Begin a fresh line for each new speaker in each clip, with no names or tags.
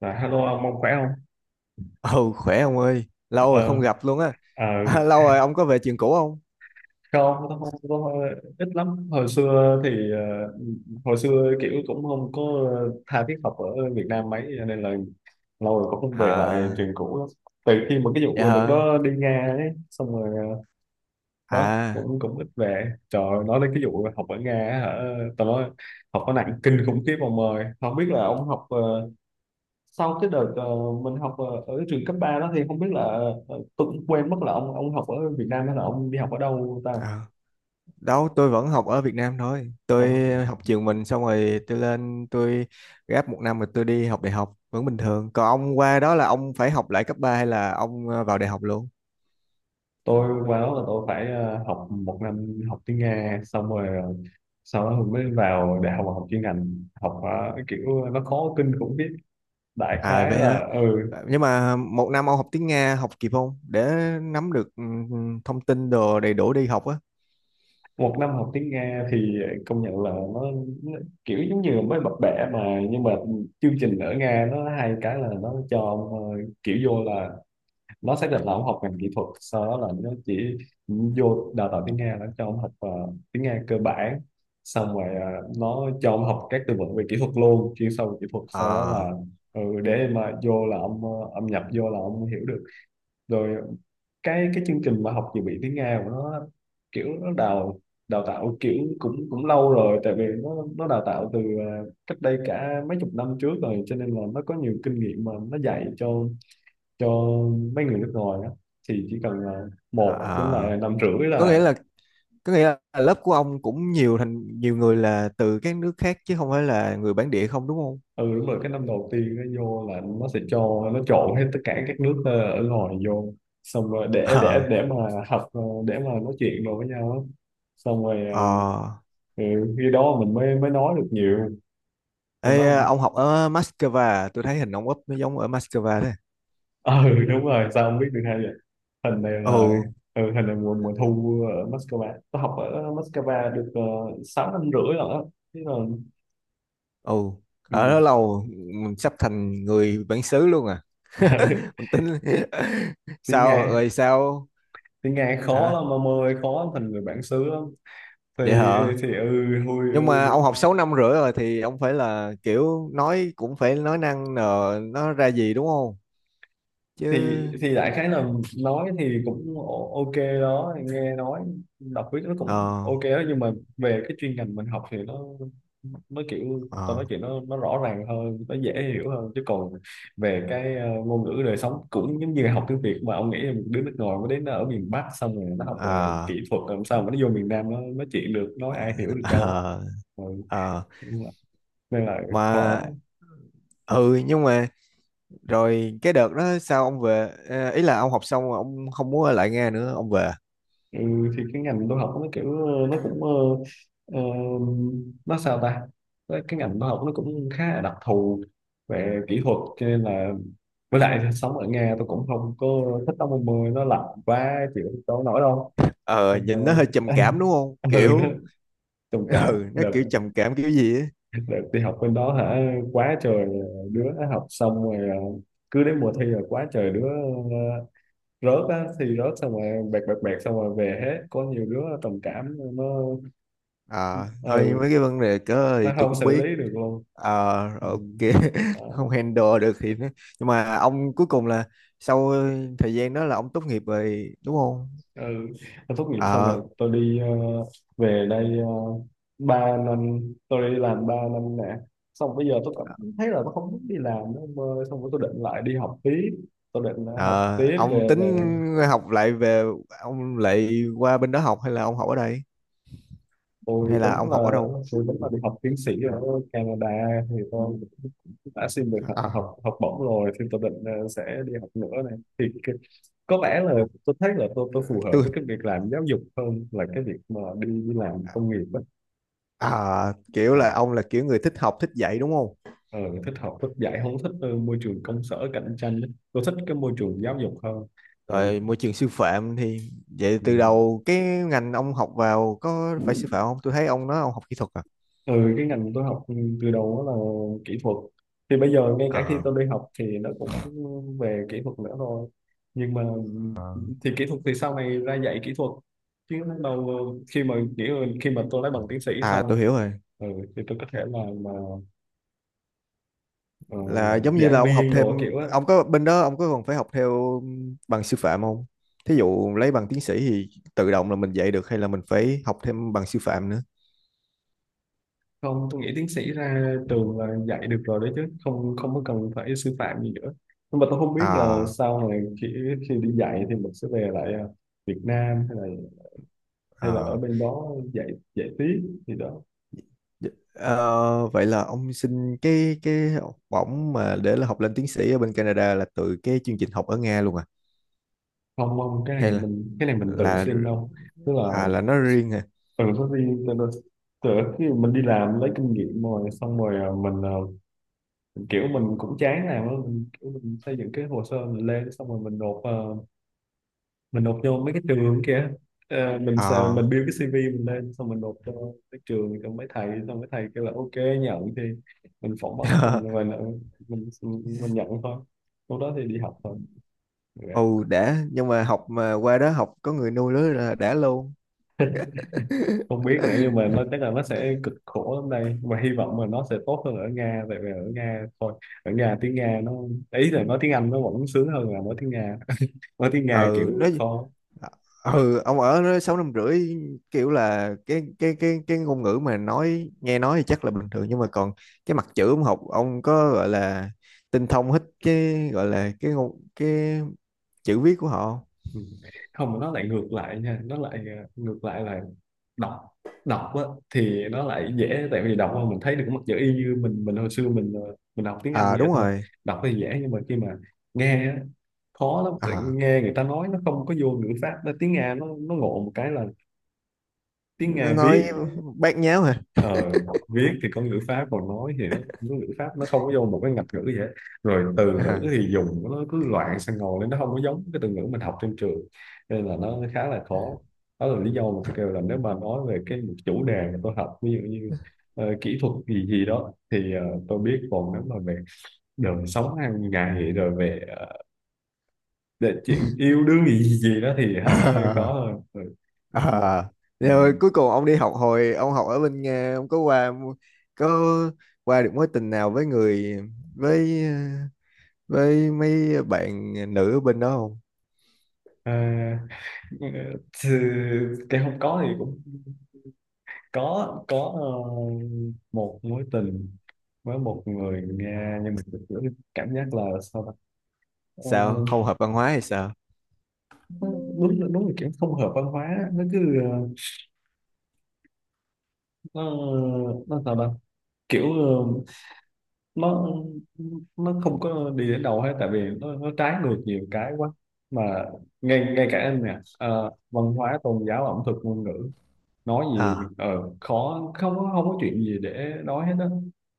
Dạ, hello ông khỏe không?
Ừ, khỏe ông ơi. Lâu rồi không
Ờ,
gặp luôn á.
à,
À, lâu rồi ông có về trường cũ không?
không, tôi không có ít lắm. Hồi xưa thì hồi xưa kiểu cũng không có tha thiết học ở Việt Nam mấy, cho nên là lâu rồi cũng không về lại
À.
trường cũ lắm. Từ khi mà cái
Dạ
vụ đợt
hả?
đó đi Nga ấy, xong rồi đó
À.
cũng cũng ít về. Trời ơi, nói đến cái vụ học ở Nga á hả? Tao nói học nó nặng kinh khủng khiếp ông ơi. Không biết là ông học sau cái đợt mình học ở trường cấp 3 đó thì không biết là tôi cũng quên mất là ông học ở Việt Nam hay là ông đi học ở đâu ta.
À. Đâu, tôi vẫn học ở Việt Nam thôi. Tôi
Học-
học trường mình xong rồi tôi lên. Tôi gap một năm rồi tôi đi học đại học. Vẫn bình thường. Còn ông qua đó là ông phải học lại cấp 3 hay là ông vào đại học luôn?
tôi qua đó là tôi phải học 1 năm học tiếng Nga xong rồi sau đó mới vào đại học học chuyên ngành học kiểu nó khó kinh khủng biết, đại
À
khái
vậy hả.
là ừ.
Nhưng mà một năm ông học tiếng Nga học kịp không? Để nắm được thông tin đồ đầy đủ đi học á?
Một năm học tiếng Nga thì công nhận là nó kiểu giống như mới bập bẹ mà nhưng mà chương trình ở Nga nó hay cái là nó cho ông, kiểu vô là nó xác định là ông học ngành kỹ thuật, sau đó là nó chỉ vô đào tạo tiếng Nga, nó cho ông học tiếng Nga cơ bản, xong rồi nó cho ông học các từ vựng về kỹ thuật luôn, chuyên sâu về kỹ thuật, sau đó là
À,
ừ, để mà vô là ông ông nhập vô là ông hiểu được. Rồi cái chương trình mà học dự bị tiếng Nga của nó kiểu nó đào đào tạo kiểu cũng cũng lâu rồi, tại vì nó đào tạo từ cách đây cả mấy chục năm trước rồi, cho nên là nó có nhiều kinh nghiệm mà nó dạy cho cho mấy người nước ngoài đó, thì chỉ cần là
à,
một đến
à.
là năm rưỡi
có nghĩa
là
là có nghĩa là lớp của ông cũng nhiều, thành nhiều người là từ các nước khác chứ không phải là người bản địa, không đúng không?
ừ đúng rồi. Cái năm đầu tiên nó vô là nó sẽ cho nó trộn hết tất cả các nước ở ngoài vô, xong rồi để
Ờ.
để để mà học để mà nói chuyện rồi với nhau á. Xong rồi
Ờ.
ờ, ừ, khi đó mình mới mới nói được nhiều rồi đó.
Ê, ông học ở Moscow à? Tôi thấy hình ông úp nó giống ở Moscow đấy.
Ừ, đúng rồi, sao không biết được hay vậy. Hình này là
Ừ,
ừ, hình này mùa mùa thu ở Moscow, tôi học ở Moscow được 6 năm rưỡi rồi đó. Thế là
ừ. Ở
ừ.
đó lâu mình sắp thành người bản xứ luôn à. Mình tính
Tiếng
sao
Nga,
rồi sao?
tiếng Nga khó
Hả?
lắm ông ơi, khó thành người bản xứ lắm. thì
Vậy hả?
thì ừ hôi
Nhưng mà
ừ,
ông học 6 năm rưỡi rồi thì ông phải là kiểu nói cũng phải nói năng nờ nó ra gì đúng không?
thì
Chứ
thì đại khái là nói thì cũng ok đó, nghe nói đọc viết nó
ờ
cũng ok đó, nhưng mà về cái chuyên ngành mình học thì nó kiểu tao
ờ
nói chuyện nó rõ ràng hơn, nó dễ hiểu hơn, chứ còn về cái ngôn ngữ đời sống cũng giống như học tiếng Việt mà ông nghĩ là một đứa nước ngoài mới đến nó ở miền Bắc xong rồi nó học về
ờ
kỹ thuật, làm sao mà nó vô miền Nam nó nói chuyện được, nói ai hiểu được đâu.
ờ
Ừ.
ờ.
Nên là
mà
khó.
ừ nhưng mà rồi cái đợt đó sao ông về? Ờ, ý là ông học xong rồi ông không muốn ở lại Nga nữa ông về?
Ừ, thì cái ngành tôi học nó kiểu nó cũng ờ, nó sao ta, cái ngành tôi học nó cũng khá là đặc thù về kỹ thuật, cho nên là với lại sống ở Nga tôi cũng không có thích, tắm mùa mưa nó lạnh quá chịu đâu nổi đâu.
Ờ
Xong
Nhìn nó
rồi-
hơi trầm cảm đúng không
ừ, nó
kiểu?
trầm cảm
Ừ, nó
đợt,
kiểu trầm cảm kiểu gì á.
đợt đi học bên đó hả, quá trời đứa học xong rồi cứ đến mùa thi là quá trời đứa ờ, rớt á thì rớt, xong rồi bẹt bẹt bẹt, xong rồi về hết, có nhiều đứa trầm cảm nó
Ờ Thôi
ừ,
mấy cái vấn đề cỡ
nó
thì tôi
không
cũng
xử
biết.
lý được luôn. Ừ.
Ok.
Đó.
Không handle được thì nó- Nhưng mà ông cuối cùng là sau thời gian đó là ông tốt nghiệp rồi đúng không?
Ừ, tôi tốt nghiệp xong
ờ
rồi tôi đi về đây 3 năm, tôi đi làm 3 năm nè, xong bây giờ tôi cảm thấy là tôi không muốn đi làm nữa ông ơi, xong rồi tôi định lại đi học tiếp, tôi định học
Ờ,
tiếp
ông
về về
tính học lại về, ông lại qua bên đó học hay là ông học ở đây
tôi
hay là
tính
ông học ở
là,
đâu?
tôi tính là đi học tiến sĩ ở Canada, thì tôi đã xin được học
Ờ,
học học bổng rồi, thì tôi định sẽ đi học nữa này thì có vẻ là tôi thấy là tôi phù hợp
tôi
với cái việc làm giáo dục hơn là cái việc mà đi đi làm công nghiệp ấy.
kiểu là
À,
ông là kiểu người thích học thích dạy đúng không?
ờ, thích học thích dạy, không thích môi trường công sở cạnh tranh ấy, tôi thích cái môi trường giáo dục hơn. Ờ,
Rồi môi trường sư phạm thì vậy từ đầu cái ngành ông học vào có phải sư
ừ.
phạm không? Tôi thấy ông nói ông học kỹ thuật à?
Ừ, cái ngành tôi học từ đầu đó là kỹ thuật, thì bây giờ ngay cả khi
À,
tôi đi học thì nó cũng về kỹ thuật nữa rồi, nhưng mà thì kỹ thuật thì sau này ra dạy kỹ thuật, chứ lúc đầu khi mà nghĩ là khi mà tôi lấy bằng tiến sĩ
à,
xong
tôi hiểu rồi.
ừ, thì tôi có thể là mà ờ,
Là giống như là
giảng
ông học
viên đồ kiểu
thêm,
á.
ông có bên đó ông có còn phải học theo bằng sư phạm không? Thí dụ lấy bằng tiến sĩ thì tự động là mình dạy được hay là mình phải học thêm bằng sư phạm nữa?
Không, tôi nghĩ tiến sĩ ra trường là dạy được rồi đấy, chứ không không có cần phải sư phạm gì nữa, nhưng mà tôi không biết là
À.
sau này khi khi đi dạy thì mình sẽ về lại Việt Nam hay là ở
À.
bên đó dạy, dạy tiếp thì đó.
Dạ, vậy là ông xin cái học bổng mà để là học lên tiến sĩ ở bên Canada là từ cái chương trình học ở Nga luôn à?
Không không, cái
Hay
này
là
mình, cái này mình tự
là
xin đâu, tức là
à, là nó riêng hả?
từ có đi từ, từ từ khi mình đi làm lấy kinh nghiệm rồi xong rồi à, mình à, kiểu mình cũng chán làm á, mình, kiểu mình xây dựng cái hồ sơ mình lên xong rồi mình nộp à, mình nộp vô mấy cái trường kia. Ờ, mình
À.
build cái CV mình lên xong mình nộp cho cái trường, cho mấy thầy, xong mấy thầy kêu là ok nhận thì mình phỏng vấn mình rồi mình mình nhận thôi, lúc đó thì đi học thôi.
Ồ đã. Nhưng mà học mà qua đó học có người nuôi đó là đã luôn.
Không biết nữa, nhưng mà nó chắc là nó sẽ cực khổ lắm đây, mà hy vọng là nó sẽ tốt hơn ở Nga, tại vì ở Nga thôi, ở Nga tiếng Nga nó, ý là nói tiếng Anh nó vẫn sướng hơn là nói tiếng Nga, nói tiếng Nga
Ừ,
kiểu
nó.
khó.
Ờ, ừ, ông ở đó 6 năm rưỡi, kiểu là cái ngôn ngữ mà nói nghe nói thì chắc là bình thường nhưng mà còn cái mặt chữ ông học ông có gọi là tinh thông hết cái gọi là cái ngôn, cái chữ viết của họ không?
Ừ. Không, nó lại ngược lại nha, nó lại ngược lại là đọc đọc á, thì nó lại dễ tại vì đọc mà mình thấy được mặt chữ y như mình hồi xưa mình mình học tiếng Anh
À
vậy
đúng
thôi.
rồi.
Đọc thì dễ, nhưng mà khi mà nghe á, khó lắm, tại
À,
nghe người ta nói nó không có vô ngữ pháp. Nó tiếng Nga nó ngộ một cái là tiếng
nó
Nga
nói
viết
bát nháo hả?
ờ, viết thì có ngữ pháp, còn nói thì nó ngữ pháp nó không có vô một cái ngạch ngữ gì hết, rồi từ ngữ
À.
thì dùng nó cứ loạn sang ngồi lên, nó không có giống cái từ ngữ mình học trên trường, nên là nó khá là khó. Đó là lý do mà tôi kêu là nếu mà nói về cái chủ đề mà tôi học ví dụ như kỹ thuật gì gì đó thì tôi biết, còn nếu mà về đời sống hàng ngày rồi về để chuyện yêu đương gì gì gì đó thì hả, khó
À.
hơn. Ừ. Mà-
À.
ừ.
Rồi cuối cùng ông đi học hồi ông học ở bên Nga ông có qua được mối tình nào với người, với mấy bạn nữ ở bên đó không?
À, ừ, thì cái không có thì cũng có một mối tình với một người Nga, nhưng mà thực cảm giác là sao ta. Ờ,
Sao không hợp văn hóa hay sao?
nó đúng là kiểu không hợp văn hóa, nó cứ nó nó sao ta, kiểu nó nó không có đi đến đâu hết, tại vì nó trái ngược nhiều cái quá, mà ngay ngay cả anh nè văn hóa, tôn giáo, ẩm thực, ngôn ngữ, nói gì
À,
ờ khó, không có chuyện gì để nói hết đó.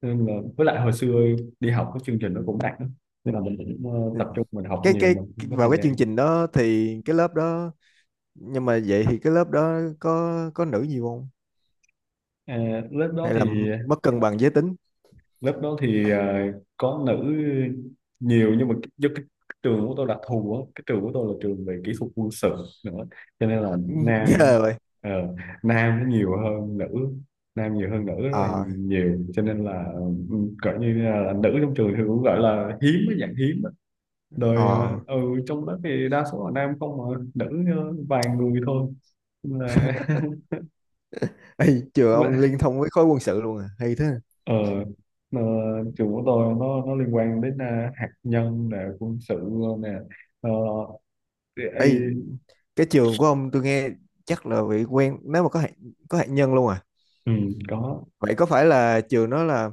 Nên là với lại hồi xưa đi học cái chương trình nó cũng nặng lắm, nên là mình cũng tập trung mình học
cái
nhiều, mình không có
vào
thời
cái
gian.
chương trình đó thì cái lớp đó, nhưng mà vậy thì cái lớp đó có nữ nhiều không?
À, lớp đó
Hay là
thì,
mất cân bằng giới tính?
lớp đó thì à, có nữ nhiều, nhưng mà do cái trường của tôi đặc thù á, cái trường của tôi là trường về kỹ thuật quân sự nữa, cho nên là nam
Ghê rồi.
ờ, nam nó nhiều hơn nữ, nam nhiều hơn nữ rất là
ờ
nhiều, cho nên là ừ, gọi như là nữ trong trường thì cũng gọi là hiếm, cái dạng hiếm á. Rồi
ờ
ờ, ừ, trong lớp thì đa số là nam không, mà nữ vài người thôi. Nên là
Ê, trường ông liên thông với khối quân sự luôn à hay thế?
ờ, ờ, trường của tôi nó liên quan đến à, hạt nhân nè, quân sự nè, ờ, AI.
Ê, cái trường của ông tôi nghe chắc là bị quen, nếu mà có hạt nhân luôn à?
Ừ, có.
Vậy có phải là trường đó là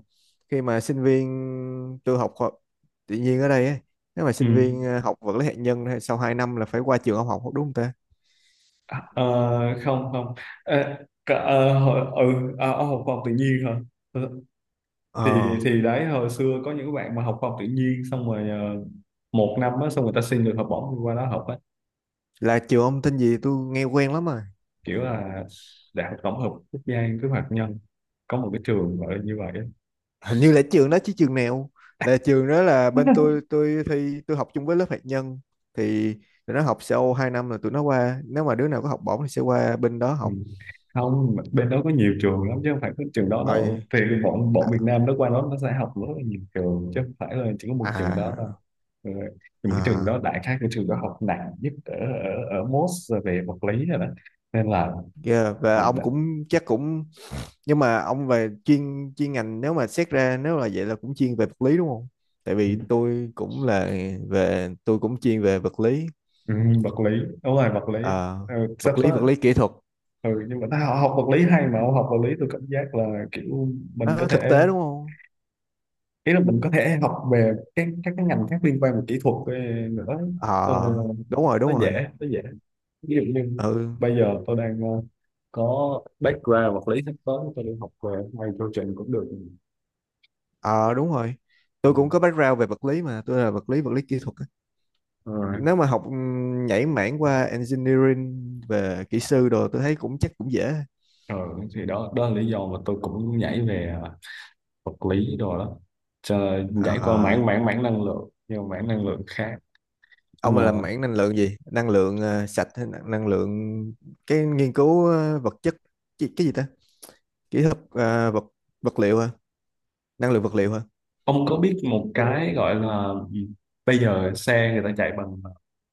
khi mà sinh viên tôi học khoa tự nhiên ở đây ấy, nếu mà
Ừ.
sinh viên học vật lý hạt nhân thì sau 2 năm là phải qua trường ông học đúng không ta?
À, không không, à, cả, hồi, ở học khoa học tự nhiên hả. Ừ, thì
Ờ,
thì đấy hồi xưa có những bạn mà học khoa học tự nhiên xong rồi 1 năm á, xong người ta xin được học bổng đi qua đó học á,
là trường ông tên gì tôi nghe quen lắm mà.
kiểu là đại học tổng hợp quốc gia nghiên cứu hạt nhân, có một cái trường gọi là như vậy á.
Hình như là trường đó chứ trường nào. Là trường đó là, bên tôi thi tôi học chung với lớp hạt nhân thì tụi nó học sau 2 năm là tụi nó qua, nếu mà đứa nào có học bổng thì sẽ qua bên đó
Ừ.
học.
Không, bên đó có nhiều trường lắm, chứ không phải có trường đó
Ờ,
đâu, thì bọn bọn Việt Nam nó qua đó nó sẽ học rất là nhiều trường, chứ không phải là chỉ có một trường đó đâu.
à,
Ừ. Nhưng mà cái trường
à,
đó, đại khái cái trường đó học nặng nhất ở ở Moss về vật lý rồi đó, nên là
yeah. Và
học
ông
đã.
cũng chắc cũng nhưng mà ông về chuyên chuyên ngành nếu mà xét ra nếu là vậy là cũng chuyên về vật lý đúng không, tại
Ừ,
vì tôi cũng là về tôi cũng chuyên về vật lý.
ừ, vật lý, đúng rồi, vật lý.
Ờ,
Ừ, sắp
vật lý,
tới
vật lý kỹ thuật.
ừ, nhưng mà tao học vật lý hay mà không học vật lý, tôi cảm giác là kiểu mình có
Nó thực
thể,
tế đúng không?
ý là mình có thể học về các cái ngành khác liên quan về kỹ thuật nữa. Ờ,
Ờ đúng rồi
nó
đúng
dễ,
rồi.
nó dễ, ví dụ như
Ừ.
bây giờ tôi đang có background vật lý, sắp tới tôi đi học về hai chương cũng được. Ừ.
Ờ đúng rồi, tôi cũng có background về vật lý mà tôi là vật lý, vật lý kỹ thuật á.
Ừ.
Nếu mà học nhảy mảng qua engineering về kỹ sư đồ tôi thấy cũng chắc cũng dễ.
Ừ, thì đó, đó là lý do mà tôi cũng nhảy về vật lý đồ đó. Chờ, nhảy qua
Ờ
mảng mảng mảng năng lượng, nhưng mảng năng lượng khác. Nhưng
ông là
mà
làm mảng năng lượng gì, năng lượng sạch hay năng năng lượng cái nghiên cứu vật chất? Cái gì ta? Kỹ thuật vật vật liệu hả? Năng lượng vật liệu hả?
ông có biết một cái gọi là gì? Bây giờ xe người ta chạy bằng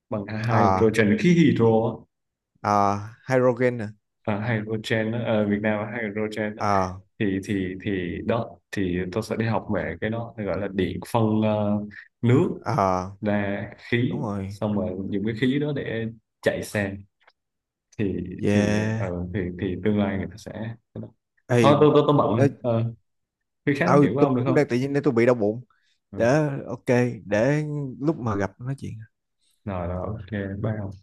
bằng
À.
hydrogen, khí hydro á.
À, hydrogen hả?
À, hydrogen á, Việt Nam là hydrogen.
À.
Thì thì đó, thì tôi sẽ đi học về cái đó gọi là điện phân nước
À
ra khí,
đúng rồi.
xong rồi dùng cái khí đó để chạy xe. thì thì ờ,
Yeah.
thì thì tương lai người ta sẽ,
Ê,
thôi tôi tôi bận rồi
nói,
khi khác nói
ờ,
chuyện với
tôi
ông được
cũng
không.
đang tự nhiên để tôi bị đau bụng.
Ừ.
Để ok. Để lúc mà gặp nói chuyện.
Rồi rồi, ok, bye ông.